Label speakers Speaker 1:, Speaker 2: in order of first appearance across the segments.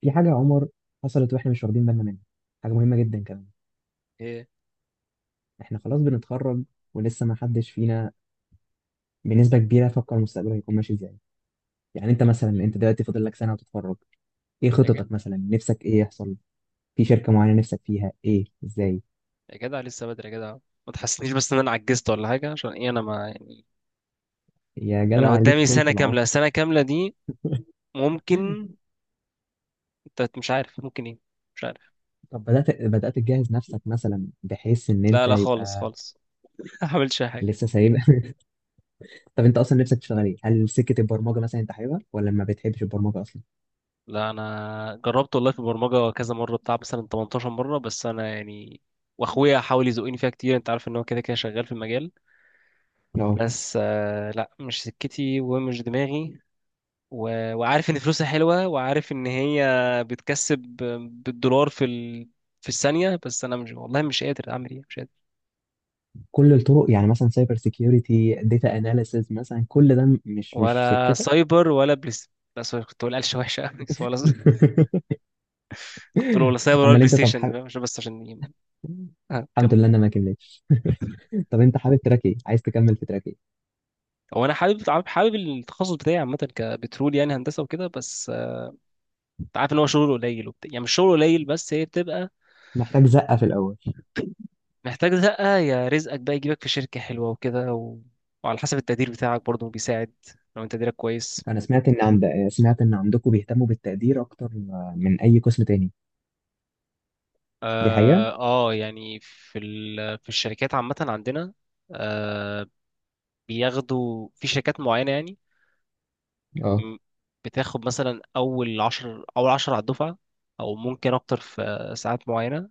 Speaker 1: في حاجة يا عمر حصلت واحنا مش واخدين بالنا منها. حاجة مهمة جدا كمان.
Speaker 2: ايه.
Speaker 1: احنا خلاص بنتخرج ولسه ما حدش فينا بنسبة كبيرة فكر مستقبله هيكون ماشي ازاي. يعني انت مثلا، انت دلوقتي فاضل لك سنة وتتخرج، ايه
Speaker 2: يا جدع،
Speaker 1: خططك؟ مثلا نفسك ايه يحصل؟ في شركة معينة نفسك فيها؟ ايه ازاي؟
Speaker 2: لسه بدري يا جدع. ما تحسنيش بس ان انا عجزت ولا حاجه، عشان ايه؟ انا، ما يعني،
Speaker 1: يا جدع
Speaker 2: انا
Speaker 1: عليك
Speaker 2: قدامي
Speaker 1: طولة
Speaker 2: سنه
Speaker 1: العمر.
Speaker 2: كامله، سنه كامله دي ممكن، انت مش عارف ممكن ايه. مش عارف.
Speaker 1: طب بدأت تجهز نفسك مثلا بحيث ان
Speaker 2: لا
Speaker 1: انت
Speaker 2: لا، خالص
Speaker 1: يبقى
Speaker 2: خالص. ما عملتش اي حاجه.
Speaker 1: لسه سايب؟ طب انت اصلا نفسك تشتغل ايه؟ هل سكة البرمجة مثلا انت حاببها ولا ما بتحبش البرمجة اصلا؟
Speaker 2: لا، انا جربت والله في البرمجه كذا مره، بتاع مثلا 18 مره، بس انا يعني، واخويا حاول يزقني فيها كتير. انت عارف ان هو كده كده شغال في المجال.
Speaker 1: لا.
Speaker 2: بس آه، لا، مش سكتي ومش دماغي. وعارف ان فلوسها حلوه، وعارف ان هي بتكسب بالدولار في الثانيه. بس انا مش، والله مش قادر اعمل ايه، مش قادر.
Speaker 1: كل الطرق يعني مثلا سايبر سيكيورتي، داتا اناليسز، مثلا كل ده مش
Speaker 2: ولا
Speaker 1: سكتك.
Speaker 2: سايبر ولا بلاي ستيشن. لا سوري، كنت بقول قلشه وحشه أوي. ولا، كنت بقول ولا سايبر ولا
Speaker 1: امال
Speaker 2: بلاي
Speaker 1: انت طب
Speaker 2: ستيشن،
Speaker 1: حابب؟
Speaker 2: فاهم؟ عشان، بس عشان ايه. اه
Speaker 1: الحمد
Speaker 2: كمل.
Speaker 1: لله انا ما كملتش. طب انت حابب تراك ايه؟ عايز تكمل في تراك ايه؟
Speaker 2: هو انا حابب، حابب التخصص بتاعي عامه، كبترول، يعني هندسه وكده. بس آه، انت عارف ان هو شغله قليل وبتاع، يعني مش شغله قليل، بس هي بتبقى
Speaker 1: محتاج زقه في الاول.
Speaker 2: محتاج زقه. يا رزقك بقى يجيبك في شركه حلوه وكده، وعلى حسب التقدير بتاعك برضه بيساعد، لو انت تقديرك كويس.
Speaker 1: انا سمعت ان عند، سمعت ان عندكم بيهتموا بالتقدير اكتر من اي قسم تاني، دي حقيقه؟
Speaker 2: اه آه، يعني في الشركات عامة عندنا. آه. بياخدوا في شركات معينة يعني.
Speaker 1: اه
Speaker 2: م- بتاخد مثلا أول عشر، أول عشر على الدفعة، أو ممكن أكتر. في ساعات معينة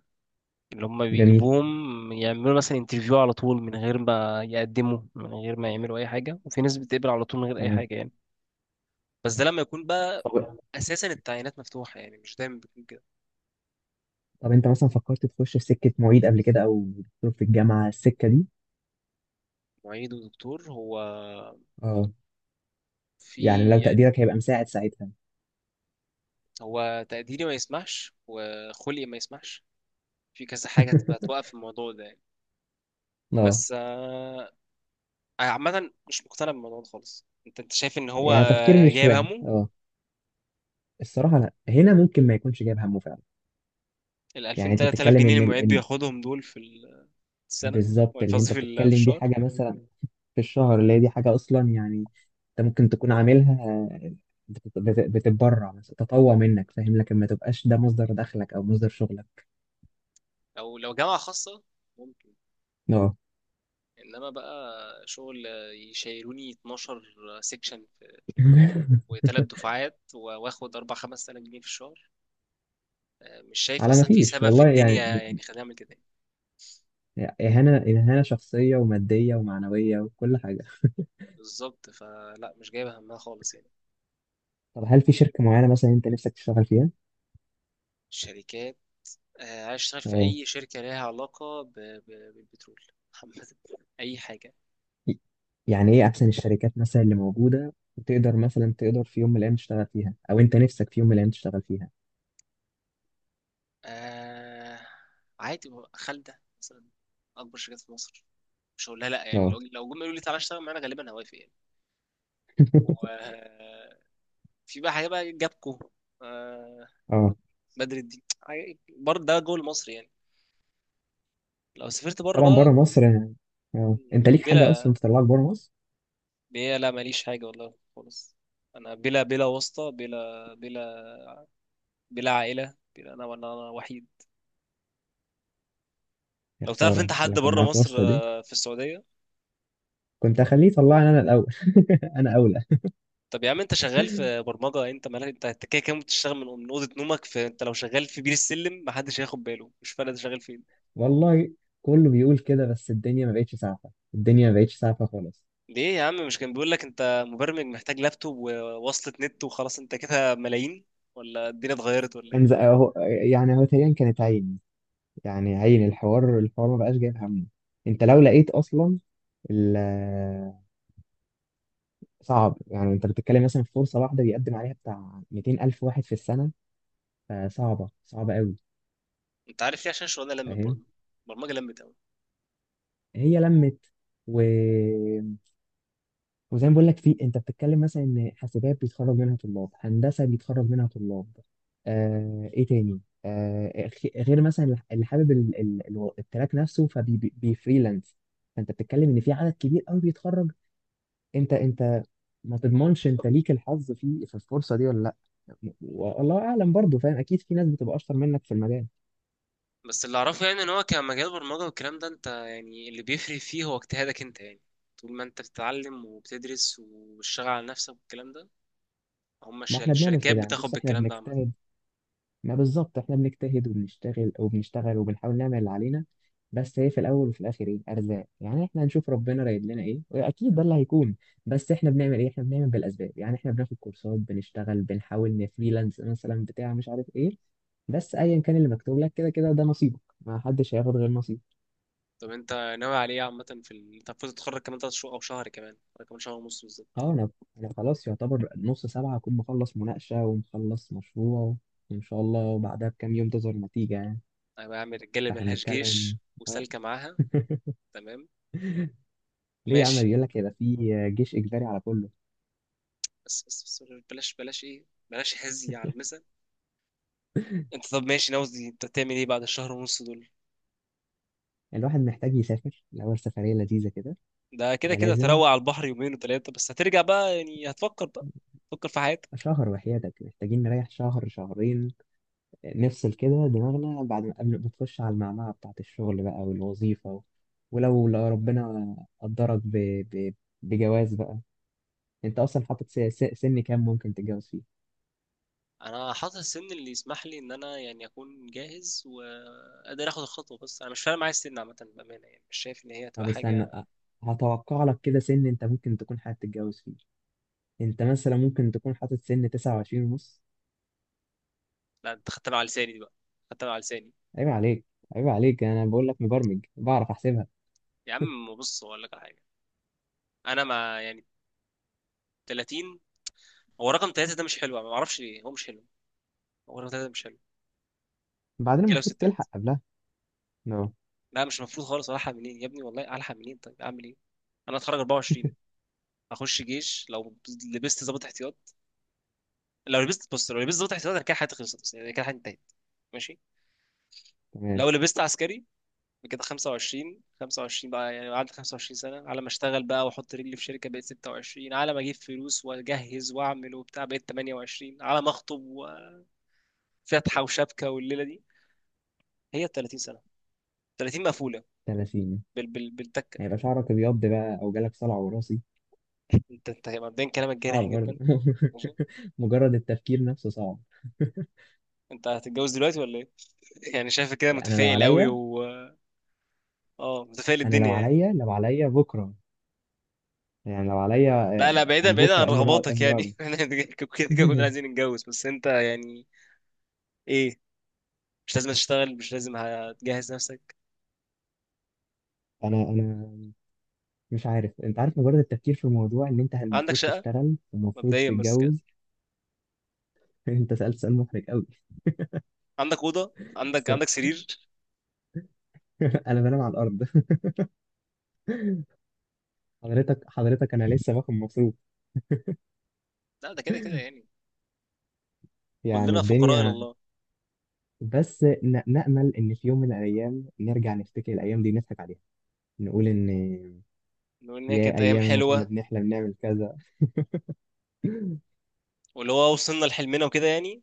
Speaker 2: اللي هم
Speaker 1: جميل،
Speaker 2: بيجيبوهم، يعملوا مثلا انترفيو على طول من غير ما يقدموا، من غير ما يعملوا أي حاجة. وفي ناس بتقبل على طول من غير أي
Speaker 1: تمام.
Speaker 2: حاجة يعني. بس ده لما يكون بقى
Speaker 1: طب
Speaker 2: أساسا التعيينات مفتوحة، يعني مش دايما بيكون كده.
Speaker 1: انت مثلا فكرت تخش في سكه معيد قبل كده، او دكتور في الجامعه، السكه دي؟
Speaker 2: معيد ودكتور هو؟
Speaker 1: اه، يعني لو
Speaker 2: في.
Speaker 1: تقديرك هيبقى مساعد ساعتها.
Speaker 2: هو تقديري ما يسمحش، وخلقي ما يسمحش، في كذا حاجة تبقى توقف الموضوع ده يعني.
Speaker 1: اه،
Speaker 2: بس آه، أنا عامة مش مقتنع بالموضوع ده خالص. أنت شايف إن هو
Speaker 1: يعني تفكير مش
Speaker 2: جايب
Speaker 1: واهم.
Speaker 2: همه؟
Speaker 1: اه، الصراحه لا، هنا ممكن ما يكونش جايب همه فعلا.
Speaker 2: ال
Speaker 1: يعني
Speaker 2: 2000
Speaker 1: انت
Speaker 2: 3000
Speaker 1: بتتكلم
Speaker 2: جنيه
Speaker 1: ان
Speaker 2: اللي
Speaker 1: ال...
Speaker 2: المعيد
Speaker 1: إن...
Speaker 2: بياخدهم دول في السنة،
Speaker 1: بالظبط،
Speaker 2: ولا
Speaker 1: اللي
Speaker 2: قصدي
Speaker 1: انت
Speaker 2: في
Speaker 1: بتتكلم دي
Speaker 2: الشهر؟
Speaker 1: حاجه مثلا في الشهر، اللي هي دي حاجه اصلا يعني انت ممكن تكون عاملها، بتتبرع مثلا، تطوع منك، فاهم؟ لكن ما تبقاش ده مصدر دخلك او مصدر شغلك.
Speaker 2: أو لو جامعة خاصة ممكن.
Speaker 1: اه.
Speaker 2: إنما بقى شغل يشيلوني 12 سيكشن وثلاث دفعات واخد 4 5000 جنيه في الشهر؟ آه، مش شايف
Speaker 1: على ما
Speaker 2: أصلا في
Speaker 1: فيش
Speaker 2: سبب في
Speaker 1: والله، يعني
Speaker 2: الدنيا يعني خلينا نعمل كده يعني.
Speaker 1: اهانه، اهانه شخصيه وماديه ومعنويه وكل حاجه.
Speaker 2: بالظبط، فلا مش جايبه همها خالص يعني.
Speaker 1: طب هل في شركه معينه مثلا انت نفسك تشتغل فيها؟
Speaker 2: الشركات، آه، عايز اشتغل في
Speaker 1: آه.
Speaker 2: اي شركه ليها علاقه بالبترول عامه، اي حاجه.
Speaker 1: يعني ايه احسن الشركات مثلا اللي موجوده وتقدر مثلا، تقدر في يوم من الايام تشتغل فيها، او انت نفسك في يوم من الايام تشتغل فيها؟
Speaker 2: آه... عادي، خالده مثلا، اكبر شركات في مصر، مش هقول لها لا يعني.
Speaker 1: اه.
Speaker 2: لو لو جم يقولوا لي تعالى اشتغل معانا غالبا هوافق يعني. وفي بقى حاجه بقى جابكو، آه...
Speaker 1: اه
Speaker 2: بدر الدين. برضه ده جوه مصر يعني. لو سافرت بره
Speaker 1: طبعا بره
Speaker 2: بقى.
Speaker 1: مصر. اه، انت ليك حاجه اصلا
Speaker 2: بلا،
Speaker 1: تطلعك بره مصر؟
Speaker 2: بلا، لا ماليش حاجه والله خالص. انا بلا، بلا واسطه، بلا بلا عائله، بلا، انا ولا، انا وحيد.
Speaker 1: يا
Speaker 2: لو تعرف
Speaker 1: خساره
Speaker 2: انت حد
Speaker 1: لو كان
Speaker 2: بره
Speaker 1: معاك
Speaker 2: مصر،
Speaker 1: واسطه دي،
Speaker 2: آه، في السعوديه.
Speaker 1: كنت اخليه يطلعني انا الاول. انا اولى.
Speaker 2: طب يا عم، انت شغال في برمجه، انت مالك؟ انت انت كده كده بتشتغل من اوضه نومك. فانت لو شغال في بير السلم محدش هياخد باله، مش فارق انت شغال فين.
Speaker 1: والله كله بيقول كده، بس الدنيا ما بقتش سعفه، الدنيا ما بقتش سعفه خالص.
Speaker 2: ليه يا عم؟ مش كان بيقول لك انت مبرمج محتاج لابتوب ووصلة نت وخلاص، انت كده ملايين؟ ولا الدنيا اتغيرت ولا
Speaker 1: كان
Speaker 2: ايه؟
Speaker 1: اهو. يعني هو تقريبا كانت عين، يعني عين الحوار، الحوار ما بقاش جايب همه. انت لو لقيت اصلا، صعب. يعني انت بتتكلم مثلا في فرصه واحده بيقدم عليها بتاع 200 الف واحد في السنه، فصعبه، صعبه قوي.
Speaker 2: انت عارف ليه؟ عشان الشغلانه لمت برضه،
Speaker 1: فاهم.
Speaker 2: البرمجه لمت.
Speaker 1: هي لمت و... وزي ما بقول لك، في انت بتتكلم مثلا ان حاسبات بيتخرج منها طلاب، هندسه بيتخرج منها طلاب، آه... ايه تاني، آه... غير مثلا اللي حابب التراك نفسه فبيفريلانس. فانت بتتكلم ان في عدد كبير قوي بيتخرج. انت ما تضمنش انت ليك الحظ في في الفرصه دي ولا لا. والله اعلم برضه، فاهم؟ اكيد في ناس بتبقى اشطر منك في المجال.
Speaker 2: بس اللي اعرفه يعني ان هو كمجال برمجه والكلام ده، انت يعني اللي بيفرق فيه هو اجتهادك انت يعني. طول ما انت بتتعلم وبتدرس وبتشتغل على نفسك والكلام ده، هم
Speaker 1: ما احنا بنعمل
Speaker 2: الشركات
Speaker 1: كده يعني،
Speaker 2: بتاخد
Speaker 1: بص احنا
Speaker 2: بالكلام ده عامه.
Speaker 1: بنجتهد. ما بالظبط، احنا بنجتهد وبنشتغل وبنشتغل وبنحاول نعمل اللي علينا. بس هي في الاول وفي الاخر ايه، ارزاق. يعني احنا هنشوف ربنا رايد لنا ايه، واكيد ده اللي هيكون. بس احنا بنعمل ايه؟ احنا بنعمل بالاسباب يعني، احنا بناخد كورسات، بنشتغل، بنحاول نفريلانس مثلا، بتاع مش عارف ايه. بس ايا كان اللي مكتوب لك كده كده ده نصيبك، ما حدش هياخد غير نصيبه.
Speaker 2: طب انت ناوي على ايه عامه؟ انت المفروض تتخرج كمان تلات شهور، او شهر كمان ولا كمان شهر ونص بالظبط؟
Speaker 1: اه. انا، خلاص يعتبر نص سبعة اكون مخلص مناقشة ومخلص مشروع، وان شاء الله بعدها بكام يوم تظهر نتيجة يعني.
Speaker 2: انا بعمل رجاله
Speaker 1: فاحنا
Speaker 2: ملهاش جيش
Speaker 1: بنتكلم.
Speaker 2: وسالكه معاها. تمام.
Speaker 1: ليه يا عم؟
Speaker 2: ماشي.
Speaker 1: بيقول لك ده في جيش اجباري على كله.
Speaker 2: بس بلاش، بلاش ايه، بلاش هزي على المثل. انت طب ماشي، ناوي انت تعمل ايه بعد الشهر ونص دول؟
Speaker 1: الواحد محتاج يسافر الاول سفرية لذيذة كده.
Speaker 2: ده كده
Speaker 1: ده
Speaker 2: كده
Speaker 1: لازم.
Speaker 2: تروق على البحر يومين وثلاثة، بس هترجع بقى يعني، هتفكر بقى، تفكر في حياتك.
Speaker 1: شهر، وحياتك محتاجين نريح شهر شهرين، نفصل كده دماغنا بعد ما، قبل ما تخش على المعمعة بتاعة الشغل بقى والوظيفة. ولو لو ربنا قدرك ب... ب... بجواز بقى، انت اصلا حاطط سن كام ممكن تتجوز فيه؟
Speaker 2: انا حاطط السن اللي يسمح لي ان انا يعني اكون جاهز وقادر اخد الخطوه. بس انا مش فارق معايا السن عامه بامانه، يعني مش شايف ان هي هتبقى
Speaker 1: طب استنى،
Speaker 2: حاجه.
Speaker 1: هتوقع لك كده سن انت ممكن تكون حابب تتجوز فيه. انت مثلا ممكن تكون حاطط سن 29 ونص؟
Speaker 2: لا انت خدتها على لساني دي بقى، خدتها على لساني.
Speaker 1: عيب عليك، عيب عليك، انا بقول لك مبرمج بعرف احسبها.
Speaker 2: يا عم بص، اقول لك على حاجه. انا مع يعني 30. هو رقم 3 ده مش حلو، أنا ما اعرفش ليه هو مش حلو. هو رقم 3 ده مش حلو.
Speaker 1: بعدين
Speaker 2: رجاله
Speaker 1: المفروض
Speaker 2: وستات.
Speaker 1: تلحق قبلها. اه
Speaker 2: لا مش المفروض خالص، الحق منين يا ابني؟ والله الحق منين؟ طيب اعمل ايه؟ انا اتخرج 24، اخش جيش. لو لبست ضابط احتياط، لو لبست، بص، لو لبست ضابط احتياطي أنا كده حياتي خلصت، بس يعني كده حياتي انتهت، ماشي.
Speaker 1: تمام.
Speaker 2: لو لبست عسكري، كده 25، بقى يعني، قعدت 25 سنة على ما اشتغل بقى، واحط رجلي في شركة بقيت 26، على ما اجيب فلوس واجهز واعمل وبتاع بقيت 28، على ما اخطب وفتحة وشبكة والليلة دي هي 30 سنة. 30 مقفولة
Speaker 1: 30؟
Speaker 2: بالتكة.
Speaker 1: هيبقى شعرك ابيض بقى او جالك صلع وراثي.
Speaker 2: انت مبدئيا كلامك جارح
Speaker 1: صعب برضه.
Speaker 2: جدا. ماشي.
Speaker 1: مجرد التفكير نفسه صعب.
Speaker 2: انت هتتجوز دلوقتي ولا ايه؟ يعني شايف كده
Speaker 1: انا لو
Speaker 2: متفائل قوي.
Speaker 1: عليا،
Speaker 2: و اه، متفائل
Speaker 1: انا لو
Speaker 2: الدنيا يعني.
Speaker 1: عليا لو عليا بكره. يعني لو عليا،
Speaker 2: لا لا،
Speaker 1: آه،
Speaker 2: بعيدا، بعيدا عن
Speaker 1: بكره، قبل، بعد،
Speaker 2: رغباتك
Speaker 1: قبل،
Speaker 2: يعني.
Speaker 1: بعد.
Speaker 2: احنا كده كده كنا عايزين نتجوز، بس انت يعني، ايه، مش لازم تشتغل، مش لازم هتجهز نفسك؟
Speaker 1: انا مش عارف، انت عارف مجرد التفكير في الموضوع ان انت
Speaker 2: عندك
Speaker 1: المفروض
Speaker 2: شقة،
Speaker 1: تشتغل ومفروض
Speaker 2: مبدئيا بس كده؟
Speaker 1: تتجوز. انت سألت سؤال محرج قوي.
Speaker 2: عندك أوضة، عندك
Speaker 1: بس.
Speaker 2: عندك سرير؟
Speaker 1: انا بنام على الارض. حضرتك انا لسه باخد مصروف.
Speaker 2: لا ده كده كده يعني،
Speaker 1: يعني
Speaker 2: كلنا فقراء إلى
Speaker 1: الدنيا،
Speaker 2: الله.
Speaker 1: بس نأمل ان في يوم من الايام نرجع نفتكر الايام دي نضحك عليها، نقول ان
Speaker 2: لو إن هي
Speaker 1: يا
Speaker 2: كانت أيام
Speaker 1: ايام ما كنا
Speaker 2: حلوة،
Speaker 1: بنحلم نعمل كذا.
Speaker 2: واللي هو وصلنا لحلمنا وكده يعني.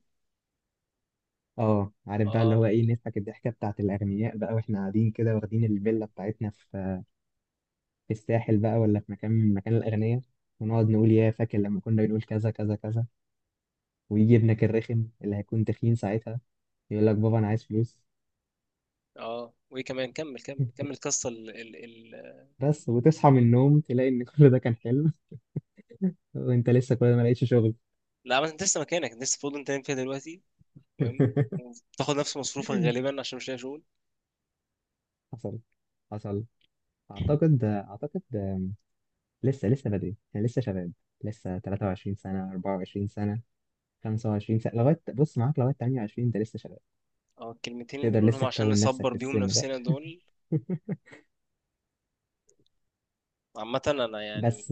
Speaker 1: اه، عارف بقى، اللي هو
Speaker 2: اه.
Speaker 1: ايه، نضحك الضحكه بتاعت الاغنياء بقى، واحنا قاعدين كده واخدين الفيلا بتاعتنا في في الساحل بقى، ولا في مكان من مكان الاغنياء، ونقعد نقول يا فاكر لما كنا بنقول كذا كذا كذا. ويجي ابنك الرخم اللي هيكون تخين ساعتها يقول لك بابا انا عايز فلوس.
Speaker 2: اه وايه كمان؟ كمل، كمل القصة ال ال ال
Speaker 1: بس وتصحى من النوم تلاقي ان كل ده كان حلم. وانت لسه كل ده ما لقيتش شغل.
Speaker 2: لا ما انت لسه مكانك، انت لسه في أوضة انت نايم فيها دلوقتي، تمام، وبتاخد نفس مصروفك غالبا عشان مش لاقي شغل.
Speaker 1: حصل، حصل. اعتقد، اعتقد. لسه، لسه بدري، احنا لسه شباب. لسه 23 سنة، 24 سنة، 25 سنة، لغاية بص معاك لغاية 28، انت لسه شباب،
Speaker 2: اه الكلمتين اللي
Speaker 1: تقدر
Speaker 2: بنقولهم
Speaker 1: لسه
Speaker 2: عشان
Speaker 1: تكون نفسك
Speaker 2: نصبر
Speaker 1: في
Speaker 2: بيهم
Speaker 1: السن ده.
Speaker 2: نفسنا دول. عامة انا يعني
Speaker 1: بس،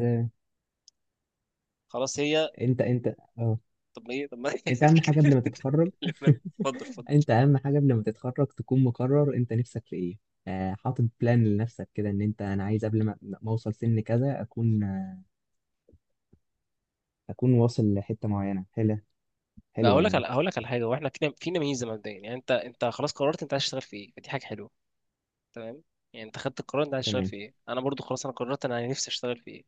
Speaker 2: خلاص، هي،
Speaker 1: انت اه،
Speaker 2: طب ايه؟ طب ما هي
Speaker 1: انت اهم حاجه قبل
Speaker 2: الكلمة
Speaker 1: ما تتخرج.
Speaker 2: اللي من- اتفضل، اتفضل.
Speaker 1: انت اهم حاجه قبل ما تتخرج تكون مقرر انت نفسك في ايه، آه، حاطط بلان لنفسك كده ان انت، انا عايز قبل ما اوصل سن كذا اكون، آه، اكون واصل لحته معينه حلوه،
Speaker 2: لا
Speaker 1: حلوه
Speaker 2: هقول لك
Speaker 1: يعني.
Speaker 2: على، هقول لك على حاجة، واحنا فينا، فينا ميزة مبدئيا يعني. انت انت خلاص قررت انت عايز تشتغل في ايه، فدي حاجة حلوة، تمام. يعني انت خدت القرار انت عايز تشتغل
Speaker 1: تمام،
Speaker 2: في ايه، انا برضو خلاص انا قررت انا نفسي اشتغل في ايه.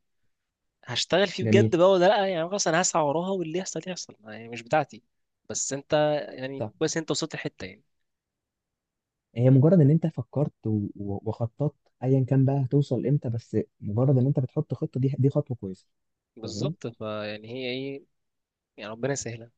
Speaker 2: هشتغل فيه بجد
Speaker 1: جميل.
Speaker 2: بقى ولا لا يعني؟ خلاص انا هسعى وراها واللي يحصل يحصل يعني، مش بتاعتي. بس انت يعني
Speaker 1: طب
Speaker 2: كويس، انت وصلت الحتة يعني.
Speaker 1: هي مجرد ان انت فكرت وخططت، ايا كان بقى هتوصل امتى، بس مجرد ان انت بتحط خطه، دي دي خطوه كويسه. فاهم
Speaker 2: بالظبط، فيعني هي ايه، يعني ربنا يسهلها.